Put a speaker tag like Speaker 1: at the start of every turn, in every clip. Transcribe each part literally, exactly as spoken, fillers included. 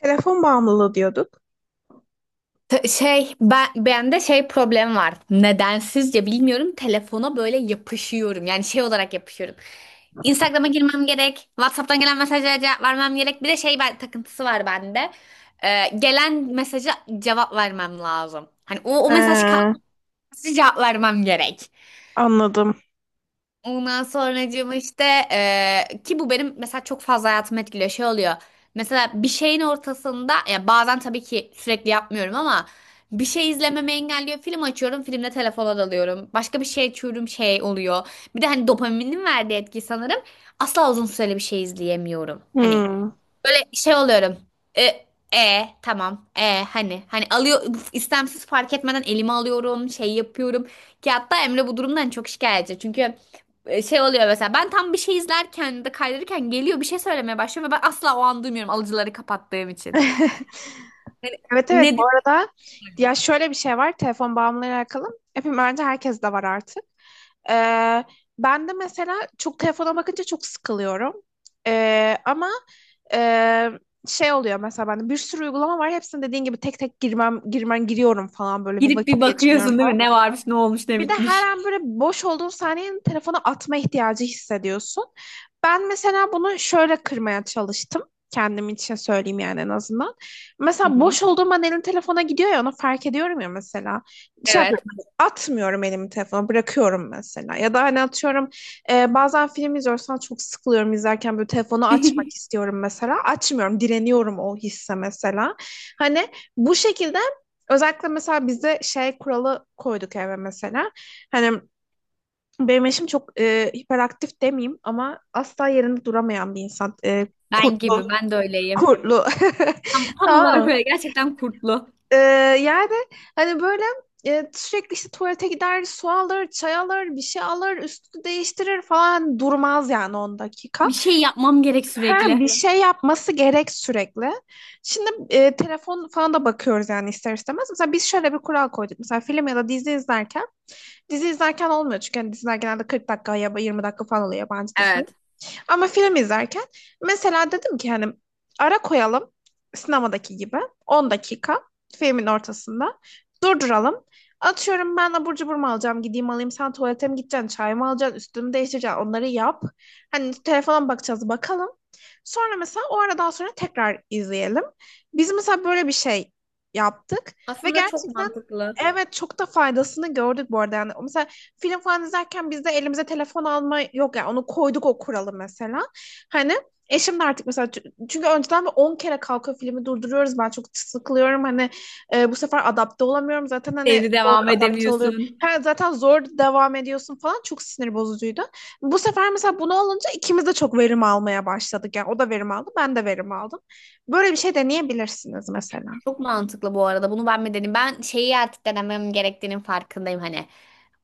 Speaker 1: Telefon bağımlılığı diyorduk.
Speaker 2: T- Şey ben bende şey problem var. Nedensizce bilmiyorum telefona böyle yapışıyorum. Yani şey olarak yapışıyorum. Instagram'a girmem gerek. WhatsApp'tan gelen mesajlara cevap vermem gerek. Bir de şey ben, takıntısı var bende. Ee, gelen mesaja cevap vermem lazım. Hani o, o mesaj
Speaker 1: Ee,
Speaker 2: kalması cevap vermem gerek.
Speaker 1: anladım.
Speaker 2: Ondan sonracığım işte eee, ki bu benim mesela çok fazla hayatımı etkiliyor şey oluyor. Mesela bir şeyin ortasında ya bazen tabii ki sürekli yapmıyorum ama bir şey izlememi engelliyor. Film açıyorum, filmle telefona dalıyorum. Başka bir şey açıyorum, şey oluyor. Bir de hani dopaminin verdiği etki sanırım. Asla uzun süreli bir şey izleyemiyorum. Hani
Speaker 1: Hmm.
Speaker 2: böyle şey oluyorum. E, e tamam. E hani hani alıyor, istemsiz fark etmeden elime alıyorum, şey yapıyorum. Ki hatta Emre bu durumdan çok şikayetçi. Çünkü e, şey oluyor mesela ben tam bir şey izlerken ya da kaydırırken geliyor bir şey söylemeye başlıyor ve ben asla o an duymuyorum alıcıları kapattığım için.
Speaker 1: Evet, evet, bu
Speaker 2: Nedir?
Speaker 1: arada ya şöyle bir şey var telefon bağımlılığıyla alakalı. Hepim, bence herkes de var artık. Ee, ben de mesela çok telefona bakınca çok sıkılıyorum. Ee, ama e, şey oluyor mesela, bende bir sürü uygulama var. Hepsine dediğin gibi tek tek girmem girmen giriyorum falan, böyle bir
Speaker 2: Girip bir
Speaker 1: vakit geçiriyorum
Speaker 2: bakıyorsun değil
Speaker 1: falan.
Speaker 2: mi? Ne varmış, ne olmuş, ne
Speaker 1: Bir de her
Speaker 2: bitmiş.
Speaker 1: an böyle boş olduğun saniyenin telefonu atma ihtiyacı hissediyorsun. Ben mesela bunu şöyle kırmaya çalıştım. Kendim için söyleyeyim yani, en azından.
Speaker 2: Hı
Speaker 1: Mesela
Speaker 2: hı.
Speaker 1: boş olduğum an elim telefona gidiyor ya, onu fark ediyorum ya mesela. Şey yapıyorum,
Speaker 2: Evet.
Speaker 1: hani atmıyorum, elimi telefona bırakıyorum mesela. Ya da hani atıyorum, e, bazen film izliyorsan çok sıkılıyorum izlerken, böyle telefonu açmak istiyorum mesela. Açmıyorum, direniyorum o hisse mesela. Hani bu şekilde. Özellikle mesela bizde şey kuralı koyduk eve mesela. Hani benim eşim çok e, hiperaktif demeyeyim ama asla yerinde duramayan bir insan. E,
Speaker 2: Ben gibi,
Speaker 1: kurtlu,
Speaker 2: ben de öyleyim.
Speaker 1: kurtlu.
Speaker 2: Tam, tam
Speaker 1: Tamam
Speaker 2: olarak
Speaker 1: mı?
Speaker 2: öyle. Gerçekten kurtlu.
Speaker 1: E, yani hani böyle e, sürekli işte tuvalete gider, su alır, çay alır, bir şey alır, üstü değiştirir, falan durmaz yani on dakika.
Speaker 2: Bir şey yapmam gerek
Speaker 1: Her
Speaker 2: sürekli.
Speaker 1: bir şey yapması gerek sürekli. Şimdi e, telefon falan da bakıyoruz yani ister istemez. Mesela biz şöyle bir kural koyduk. Mesela film ya da dizi izlerken. Dizi izlerken olmuyor çünkü hani diziler genelde kırk dakika ya da yirmi dakika falan oluyor, yabancı dizi.
Speaker 2: Evet.
Speaker 1: Ama film izlerken mesela dedim ki hani ara koyalım, sinemadaki gibi, on dakika filmin ortasında durduralım. Atıyorum, ben abur cubur mu alacağım, gideyim alayım, sen tuvalete mi gideceksin, çay mı alacaksın, üstümü değiştireceksin, onları yap. Hani telefona mı bakacağız bakalım. Sonra mesela o aradan sonra tekrar izleyelim. Biz mesela böyle bir şey yaptık ve
Speaker 2: Aslında çok
Speaker 1: gerçekten,
Speaker 2: mantıklı.
Speaker 1: evet, çok da faydasını gördük bu arada yani. Mesela film falan izlerken biz de elimize telefon alma yok ya. Yani. Onu koyduk, o kuralı mesela. Hani eşim de artık mesela, çünkü önceden on kere kalkıyor, filmi durduruyoruz. Ben çok sıkılıyorum. Hani e, bu sefer adapte olamıyorum. Zaten hani
Speaker 2: Evde
Speaker 1: zor
Speaker 2: devam
Speaker 1: adapte oluyorum.
Speaker 2: edemiyorsun.
Speaker 1: Ha, zaten zor devam ediyorsun falan. Çok sinir bozucuydu. Bu sefer mesela bunu olunca ikimiz de çok verim almaya başladık. Yani o da verim aldı, ben de verim aldım. Böyle bir şey deneyebilirsiniz mesela.
Speaker 2: Çok mantıklı bu arada. Bunu ben mi dedim? Ben şeyi artık denemem gerektiğinin farkındayım hani.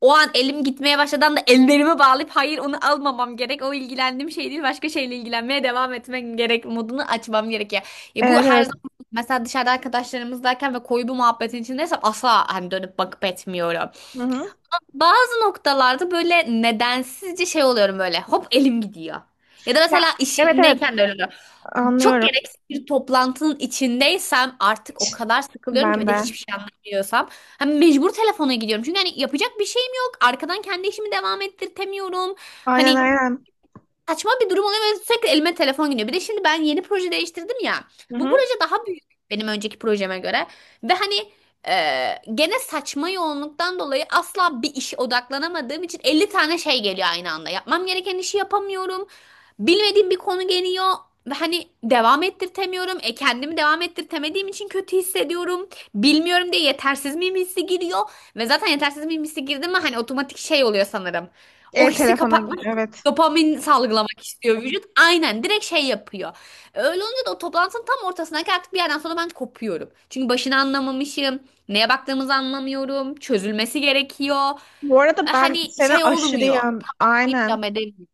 Speaker 2: O an elim gitmeye başladan da ellerimi bağlayıp hayır onu almamam gerek. O ilgilendiğim şey değil. Başka şeyle ilgilenmeye devam etmek gerek modunu açmam gerekiyor. Ya bu
Speaker 1: Evet,
Speaker 2: her
Speaker 1: evet.
Speaker 2: zaman mesela dışarıda arkadaşlarımızdayken ve koyu bir muhabbetin içindeysem asla hani dönüp bakıp etmiyorum.
Speaker 1: Hı hı.
Speaker 2: Bazı noktalarda böyle nedensizce şey oluyorum böyle. Hop elim gidiyor. Ya da
Speaker 1: Ya,
Speaker 2: mesela iş
Speaker 1: evet, evet,
Speaker 2: yerindeyken de öyle. Çok
Speaker 1: anlıyorum.
Speaker 2: gereksiz bir toplantının içindeysem artık o kadar sıkılıyorum ki
Speaker 1: Ben
Speaker 2: ve de
Speaker 1: de.
Speaker 2: hiçbir şey anlamıyorsam hani mecbur telefona gidiyorum. Çünkü hani yapacak bir şeyim yok. Arkadan kendi işimi devam ettirtemiyorum.
Speaker 1: Aynen,
Speaker 2: Hani
Speaker 1: aynen.
Speaker 2: saçma bir durum oluyor ve sürekli elime telefon gidiyor. Bir de şimdi ben yeni proje değiştirdim ya.
Speaker 1: Hı
Speaker 2: Bu
Speaker 1: hı.
Speaker 2: proje daha büyük benim önceki projeme göre. Ve hani e, gene saçma yoğunluktan dolayı asla bir işe odaklanamadığım için elli tane şey geliyor aynı anda. Yapmam gereken işi yapamıyorum. Bilmediğim bir konu geliyor ve hani devam ettirtemiyorum. E kendimi devam ettirtemediğim için kötü hissediyorum. Bilmiyorum diye yetersiz miyim hissi giriyor. Ve zaten yetersiz miyim hissi girdi mi hani otomatik şey oluyor sanırım. O
Speaker 1: Ev
Speaker 2: hissi
Speaker 1: telefona
Speaker 2: kapatmak
Speaker 1: gidiyor,
Speaker 2: için
Speaker 1: evet.
Speaker 2: dopamin salgılamak istiyor vücut. Aynen direkt şey yapıyor. Öyle olunca da o toplantının tam ortasındaki artık bir yerden sonra ben kopuyorum. Çünkü başını anlamamışım. Neye baktığımızı anlamıyorum. Çözülmesi gerekiyor.
Speaker 1: Bu arada
Speaker 2: E,
Speaker 1: ben
Speaker 2: Hani
Speaker 1: seni
Speaker 2: şey
Speaker 1: aşırı
Speaker 2: olmuyor.
Speaker 1: yan
Speaker 2: Tamam deyip
Speaker 1: aynen.
Speaker 2: devam edemiyorum.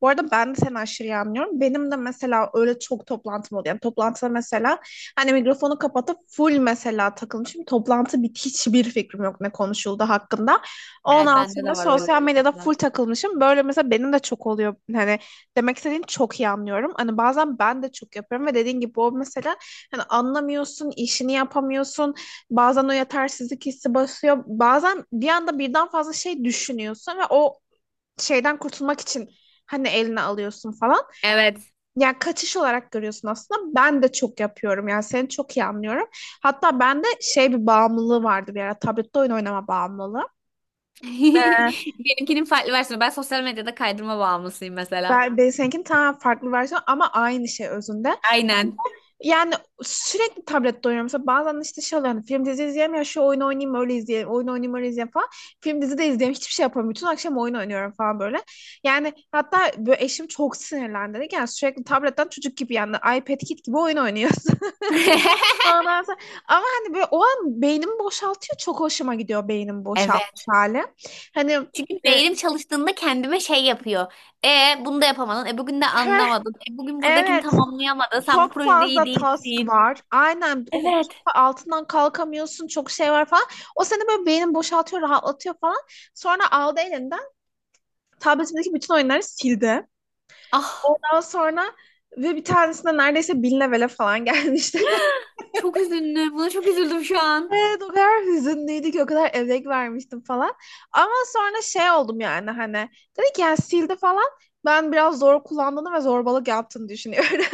Speaker 1: Bu arada ben de seni aşırı iyi anlıyorum. Benim de mesela öyle çok toplantım oluyor. Yani toplantıda mesela hani mikrofonu kapatıp full mesela takılmışım. Toplantı bit, hiçbir fikrim yok ne konuşuldu hakkında.
Speaker 2: Evet,
Speaker 1: Ondan, Hmm,
Speaker 2: bende de
Speaker 1: sonra
Speaker 2: var öyle
Speaker 1: sosyal medyada full
Speaker 2: şeyler.
Speaker 1: takılmışım. Böyle mesela benim de çok oluyor. Hani demek istediğini çok iyi anlıyorum. Hani bazen ben de çok yapıyorum ve dediğin gibi o mesela hani anlamıyorsun, işini yapamıyorsun. Bazen o yetersizlik hissi basıyor. Bazen bir anda birden fazla şey düşünüyorsun ve o şeyden kurtulmak için hani eline alıyorsun falan.
Speaker 2: Evet.
Speaker 1: Yani kaçış olarak görüyorsun aslında. Ben de çok yapıyorum. Yani seni çok iyi anlıyorum. Hatta bende şey bir bağımlılığı vardı bir ara. Tablette oyun oynama bağımlılığı. Ben,
Speaker 2: Benimkinin farklı versiyonu. Ben sosyal medyada kaydırma bağımlısıyım mesela.
Speaker 1: ben seninkinin tamamen farklı versiyonu ama aynı şey özünde.
Speaker 2: Aynen.
Speaker 1: Yani sürekli tablette oynuyorum. Mesela bazen işte şey oluyor. Hani film dizi izleyeyim ya, şu oyunu oynayayım öyle izleyeyim. Oyun oynayayım öyle izleyeyim falan. Film dizi de izleyeyim. Hiçbir şey yapamıyorum. Bütün akşam oyun oynuyorum falan böyle. Yani hatta böyle eşim çok sinirlendi. Dedi ki, yani sürekli tabletten çocuk gibi, yani iPad Kid gibi oyun oynuyorsun. Ondan sonra, ama hani böyle o an beynimi boşaltıyor. Çok hoşuma gidiyor beynim boşaltmış
Speaker 2: Evet.
Speaker 1: hali. Hani
Speaker 2: Çünkü
Speaker 1: e,
Speaker 2: beynim çalıştığında kendime şey yapıyor. E bunu da yapamadın. E bugün de
Speaker 1: heh,
Speaker 2: anlamadın. E bugün buradakini
Speaker 1: evet.
Speaker 2: tamamlayamadın. Sen bu
Speaker 1: Çok
Speaker 2: projede iyi
Speaker 1: fazla task
Speaker 2: değilsin.
Speaker 1: var. Aynen. O- Çok
Speaker 2: Evet.
Speaker 1: fa- altından kalkamıyorsun. Çok şey var falan. O seni böyle beynini boşaltıyor, rahatlatıyor falan. Sonra aldı elinden, tabletindeki bütün oyunları sildi.
Speaker 2: Ah,
Speaker 1: Ondan sonra ve bir tanesinde neredeyse bin levele falan gelmişti.
Speaker 2: çok üzüldüm. Buna çok üzüldüm şu an.
Speaker 1: Evet, o kadar hüzünlüydü ki, o kadar emek vermiştim falan. Ama sonra şey oldum yani hani dedi ki yani, sildi falan. Ben biraz zor kullandığını ve zorbalık yaptığını düşünüyorum.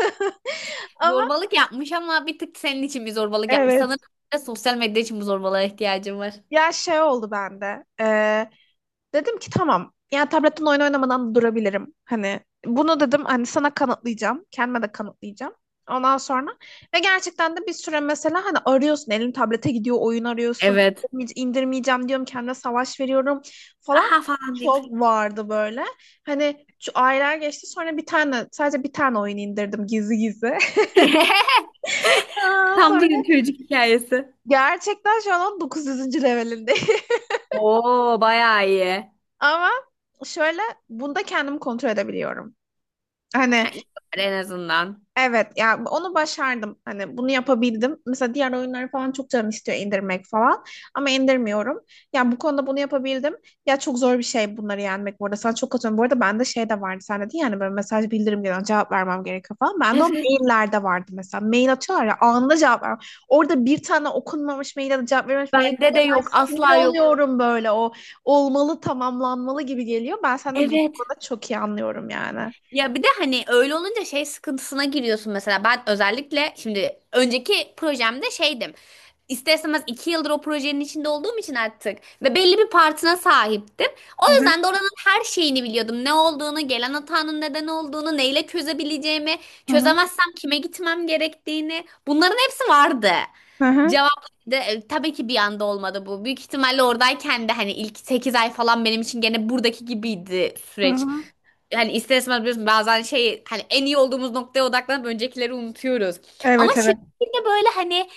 Speaker 1: Ama
Speaker 2: Zorbalık yapmış ama bir tık senin için bir zorbalık yapmış. Sanırım
Speaker 1: evet.
Speaker 2: bir de sosyal medya için bu zorbalığa ihtiyacım var.
Speaker 1: Ya şey oldu bende. Ee, Dedim ki tamam. Yani tabletten oyun oynamadan da durabilirim. Hani bunu dedim, hani sana kanıtlayacağım. Kendime de kanıtlayacağım. Ondan sonra ve gerçekten de bir süre mesela hani arıyorsun, elin tablete gidiyor, oyun arıyorsun.
Speaker 2: Evet.
Speaker 1: İndirmeye- indirmeyeceğim diyorum, kendime savaş veriyorum falan,
Speaker 2: Aha falan deyip.
Speaker 1: çok vardı böyle. Hani şu aylar geçti, sonra bir tane, sadece bir tane oyun indirdim gizli gizli. Aa,
Speaker 2: Tam
Speaker 1: sonra
Speaker 2: bir çocuk hikayesi.
Speaker 1: gerçekten şu an on dokuz yüzüncü levelindeyim
Speaker 2: Oo, bayağı iyi.
Speaker 1: ama şöyle, bunda kendimi kontrol edebiliyorum.
Speaker 2: Ha,
Speaker 1: Hani,
Speaker 2: iyi var en azından.
Speaker 1: evet ya, onu başardım. Hani bunu yapabildim. Mesela diğer oyunları falan çok canım istiyor indirmek falan. Ama indirmiyorum. Ya bu konuda bunu yapabildim. Ya çok zor bir şey bunları yenmek bu arada. Sana çok katılıyorum. Bu arada bende şey de vardı. Sen dedin yani böyle mesaj bildirim gelen cevap vermem gerekiyor falan. Bende o
Speaker 2: Evet.
Speaker 1: maillerde vardı mesela. Mail atıyorlar ya, anında cevap ver. Orada bir tane okunmamış mail ya da cevap verilmemiş mail
Speaker 2: Bende de
Speaker 1: geliyor. Ben
Speaker 2: yok. Asla
Speaker 1: sinir
Speaker 2: yok.
Speaker 1: oluyorum böyle, o olmalı, tamamlanmalı gibi geliyor. Ben seni bu
Speaker 2: Evet.
Speaker 1: konuda çok iyi anlıyorum yani.
Speaker 2: Ya bir de hani öyle olunca şey sıkıntısına giriyorsun mesela. Ben özellikle şimdi önceki projemde şeydim. İster istemez iki yıldır o projenin içinde olduğum için artık ve belli bir partına sahiptim. O
Speaker 1: Hı hı,
Speaker 2: yüzden de oranın her şeyini biliyordum. Ne olduğunu, gelen hatanın neden olduğunu, neyle çözebileceğimi,
Speaker 1: hı hı,
Speaker 2: çözemezsem kime gitmem gerektiğini. Bunların hepsi vardı.
Speaker 1: hı hı,
Speaker 2: Cevap da e, tabii ki bir anda olmadı bu. Büyük ihtimalle oradayken de hani ilk sekiz ay falan benim için gene buradaki gibiydi
Speaker 1: hı
Speaker 2: süreç.
Speaker 1: hı.
Speaker 2: Hani ister istemez biliyorsun bazen şey hani en iyi olduğumuz noktaya odaklanıp öncekileri unutuyoruz. Ama
Speaker 1: Evet, evet.
Speaker 2: şirkette böyle hani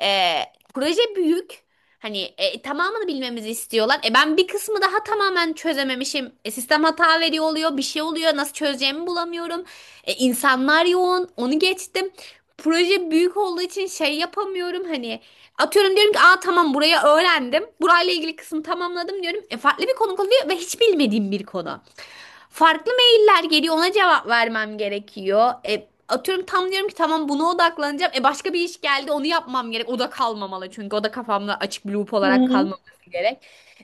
Speaker 2: e, proje büyük. Hani e, tamamını bilmemizi istiyorlar. E ben bir kısmı daha tamamen çözememişim. E, sistem hata veriyor oluyor, bir şey oluyor. Nasıl çözeceğimi bulamıyorum. E, insanlar yoğun. Onu geçtim. Proje büyük olduğu için şey yapamıyorum hani atıyorum diyorum ki aa tamam burayı öğrendim. Burayla ilgili kısmı tamamladım diyorum. E, farklı bir konu oluyor ve hiç bilmediğim bir konu. Farklı sorular geliyor ona cevap vermem gerekiyor. E, atıyorum tam diyorum ki tamam buna odaklanacağım. E başka bir iş geldi onu yapmam gerek. O da kalmamalı çünkü o da kafamda açık bir loop
Speaker 1: Hı
Speaker 2: olarak
Speaker 1: hı.
Speaker 2: kalmaması gerek.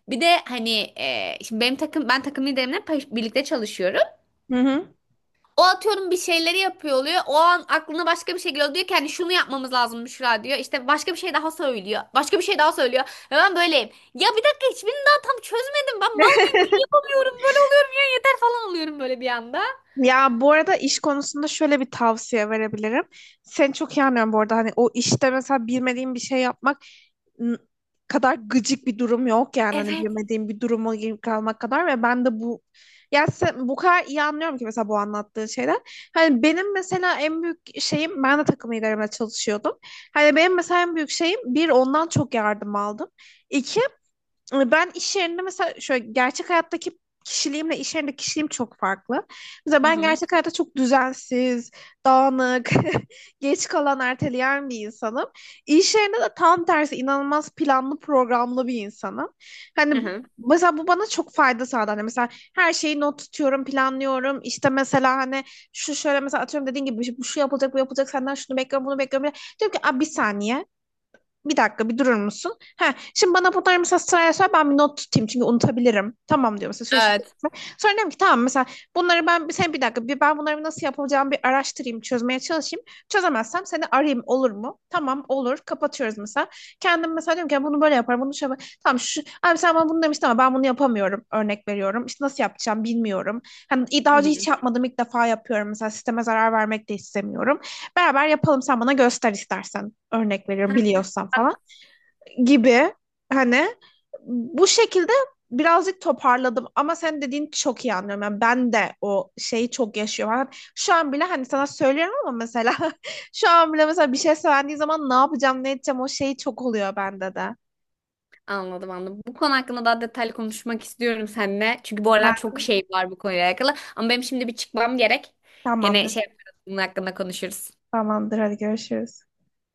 Speaker 2: Bir de hani e, şimdi benim takım ben takım liderimle pa- birlikte çalışıyorum.
Speaker 1: Hı hı.
Speaker 2: O atıyorum bir şeyleri yapıyor oluyor. O an aklına başka bir şey geliyor. Diyor ki hani şunu yapmamız lazım Büşra diyor. İşte başka bir şey daha söylüyor. Başka bir şey daha söylüyor. Ve ben böyleyim. Ya bir dakika hiçbirini daha tam çözmedim. Ben mal mıyım? Niye yapamıyorum? Böyle oluyorum ya yeter falan oluyorum böyle bir anda.
Speaker 1: Ya bu arada iş konusunda şöyle bir tavsiye verebilirim. Seni çok iyi anlıyorum bu arada. Hani o işte mesela bilmediğin bir şey yapmak n- kadar gıcık bir durum yok yani. Hani
Speaker 2: Evet.
Speaker 1: bilmediğin bir duruma girip kalmak kadar, ve ben de bu, ya sen, bu kadar iyi anlıyorum ki mesela bu anlattığın şeyler. Hani benim mesela en büyük şeyim, ben de takım liderimle çalışıyordum. Hani benim mesela en büyük şeyim bir, ondan çok yardım aldım. İki, ben iş yerinde mesela şöyle, gerçek hayattaki kişiliğimle iş yerindeki kişiliğim çok farklı. Mesela
Speaker 2: Hı
Speaker 1: ben
Speaker 2: hı.
Speaker 1: gerçek hayatta çok düzensiz, dağınık, geç kalan, erteleyen bir insanım. İş yerinde de tam tersi, inanılmaz planlı, programlı bir insanım. Hani
Speaker 2: Hı hı.
Speaker 1: mesela bu bana çok fayda sağladı. Hani mesela her şeyi not tutuyorum, planlıyorum. İşte mesela hani şu şöyle mesela, atıyorum dediğin gibi, bu şu yapılacak, bu yapılacak, senden şunu bekliyorum, bunu bekliyorum. Diyorum ki, "Aa, bir saniye. Bir dakika bir durur musun? Ha, şimdi bana bunları mesela sıraya söyle, ben bir not tutayım çünkü unutabilirim." Tamam diyor mesela, şöyle şu.
Speaker 2: Evet.
Speaker 1: Sonra diyorum ki tamam mesela, bunları ben sen bir dakika bir, ben bunları nasıl yapacağımı bir araştırayım, çözmeye çalışayım. Çözemezsem seni arayayım, olur mu? Tamam olur, kapatıyoruz mesela. Kendim mesela diyorum ki, "Ya bunu böyle yaparım, bunu şöyle yaparım." Tamam şu abi, sen bana bunu demiştin ama ben bunu yapamıyorum, örnek veriyorum. İşte nasıl yapacağım bilmiyorum. Hani
Speaker 2: Hı
Speaker 1: daha önce hiç
Speaker 2: hı.
Speaker 1: yapmadım, ilk defa yapıyorum mesela, sisteme zarar vermek de istemiyorum. Beraber yapalım, sen bana göster istersen. Örnek veriyorum,
Speaker 2: Heh,
Speaker 1: biliyorsan
Speaker 2: bak,
Speaker 1: falan gibi. Hani bu şekilde birazcık toparladım ama sen dediğin çok iyi anlıyorum. Yani ben de o şeyi çok yaşıyorum. Yani şu an bile hani sana söylüyorum ama mesela, şu an bile mesela bir şey söylendiği zaman, ne yapacağım, ne edeceğim, o şey çok oluyor bende de.
Speaker 2: anladım anladım. Bu konu hakkında daha detaylı konuşmak istiyorum seninle. Çünkü bu aralar
Speaker 1: Ben
Speaker 2: çok şey var bu konuyla alakalı. Ama benim şimdi bir çıkmam gerek. Gene
Speaker 1: tamamdır.
Speaker 2: şey yaparız, bunun hakkında konuşuruz.
Speaker 1: Tamamdır, hadi görüşürüz.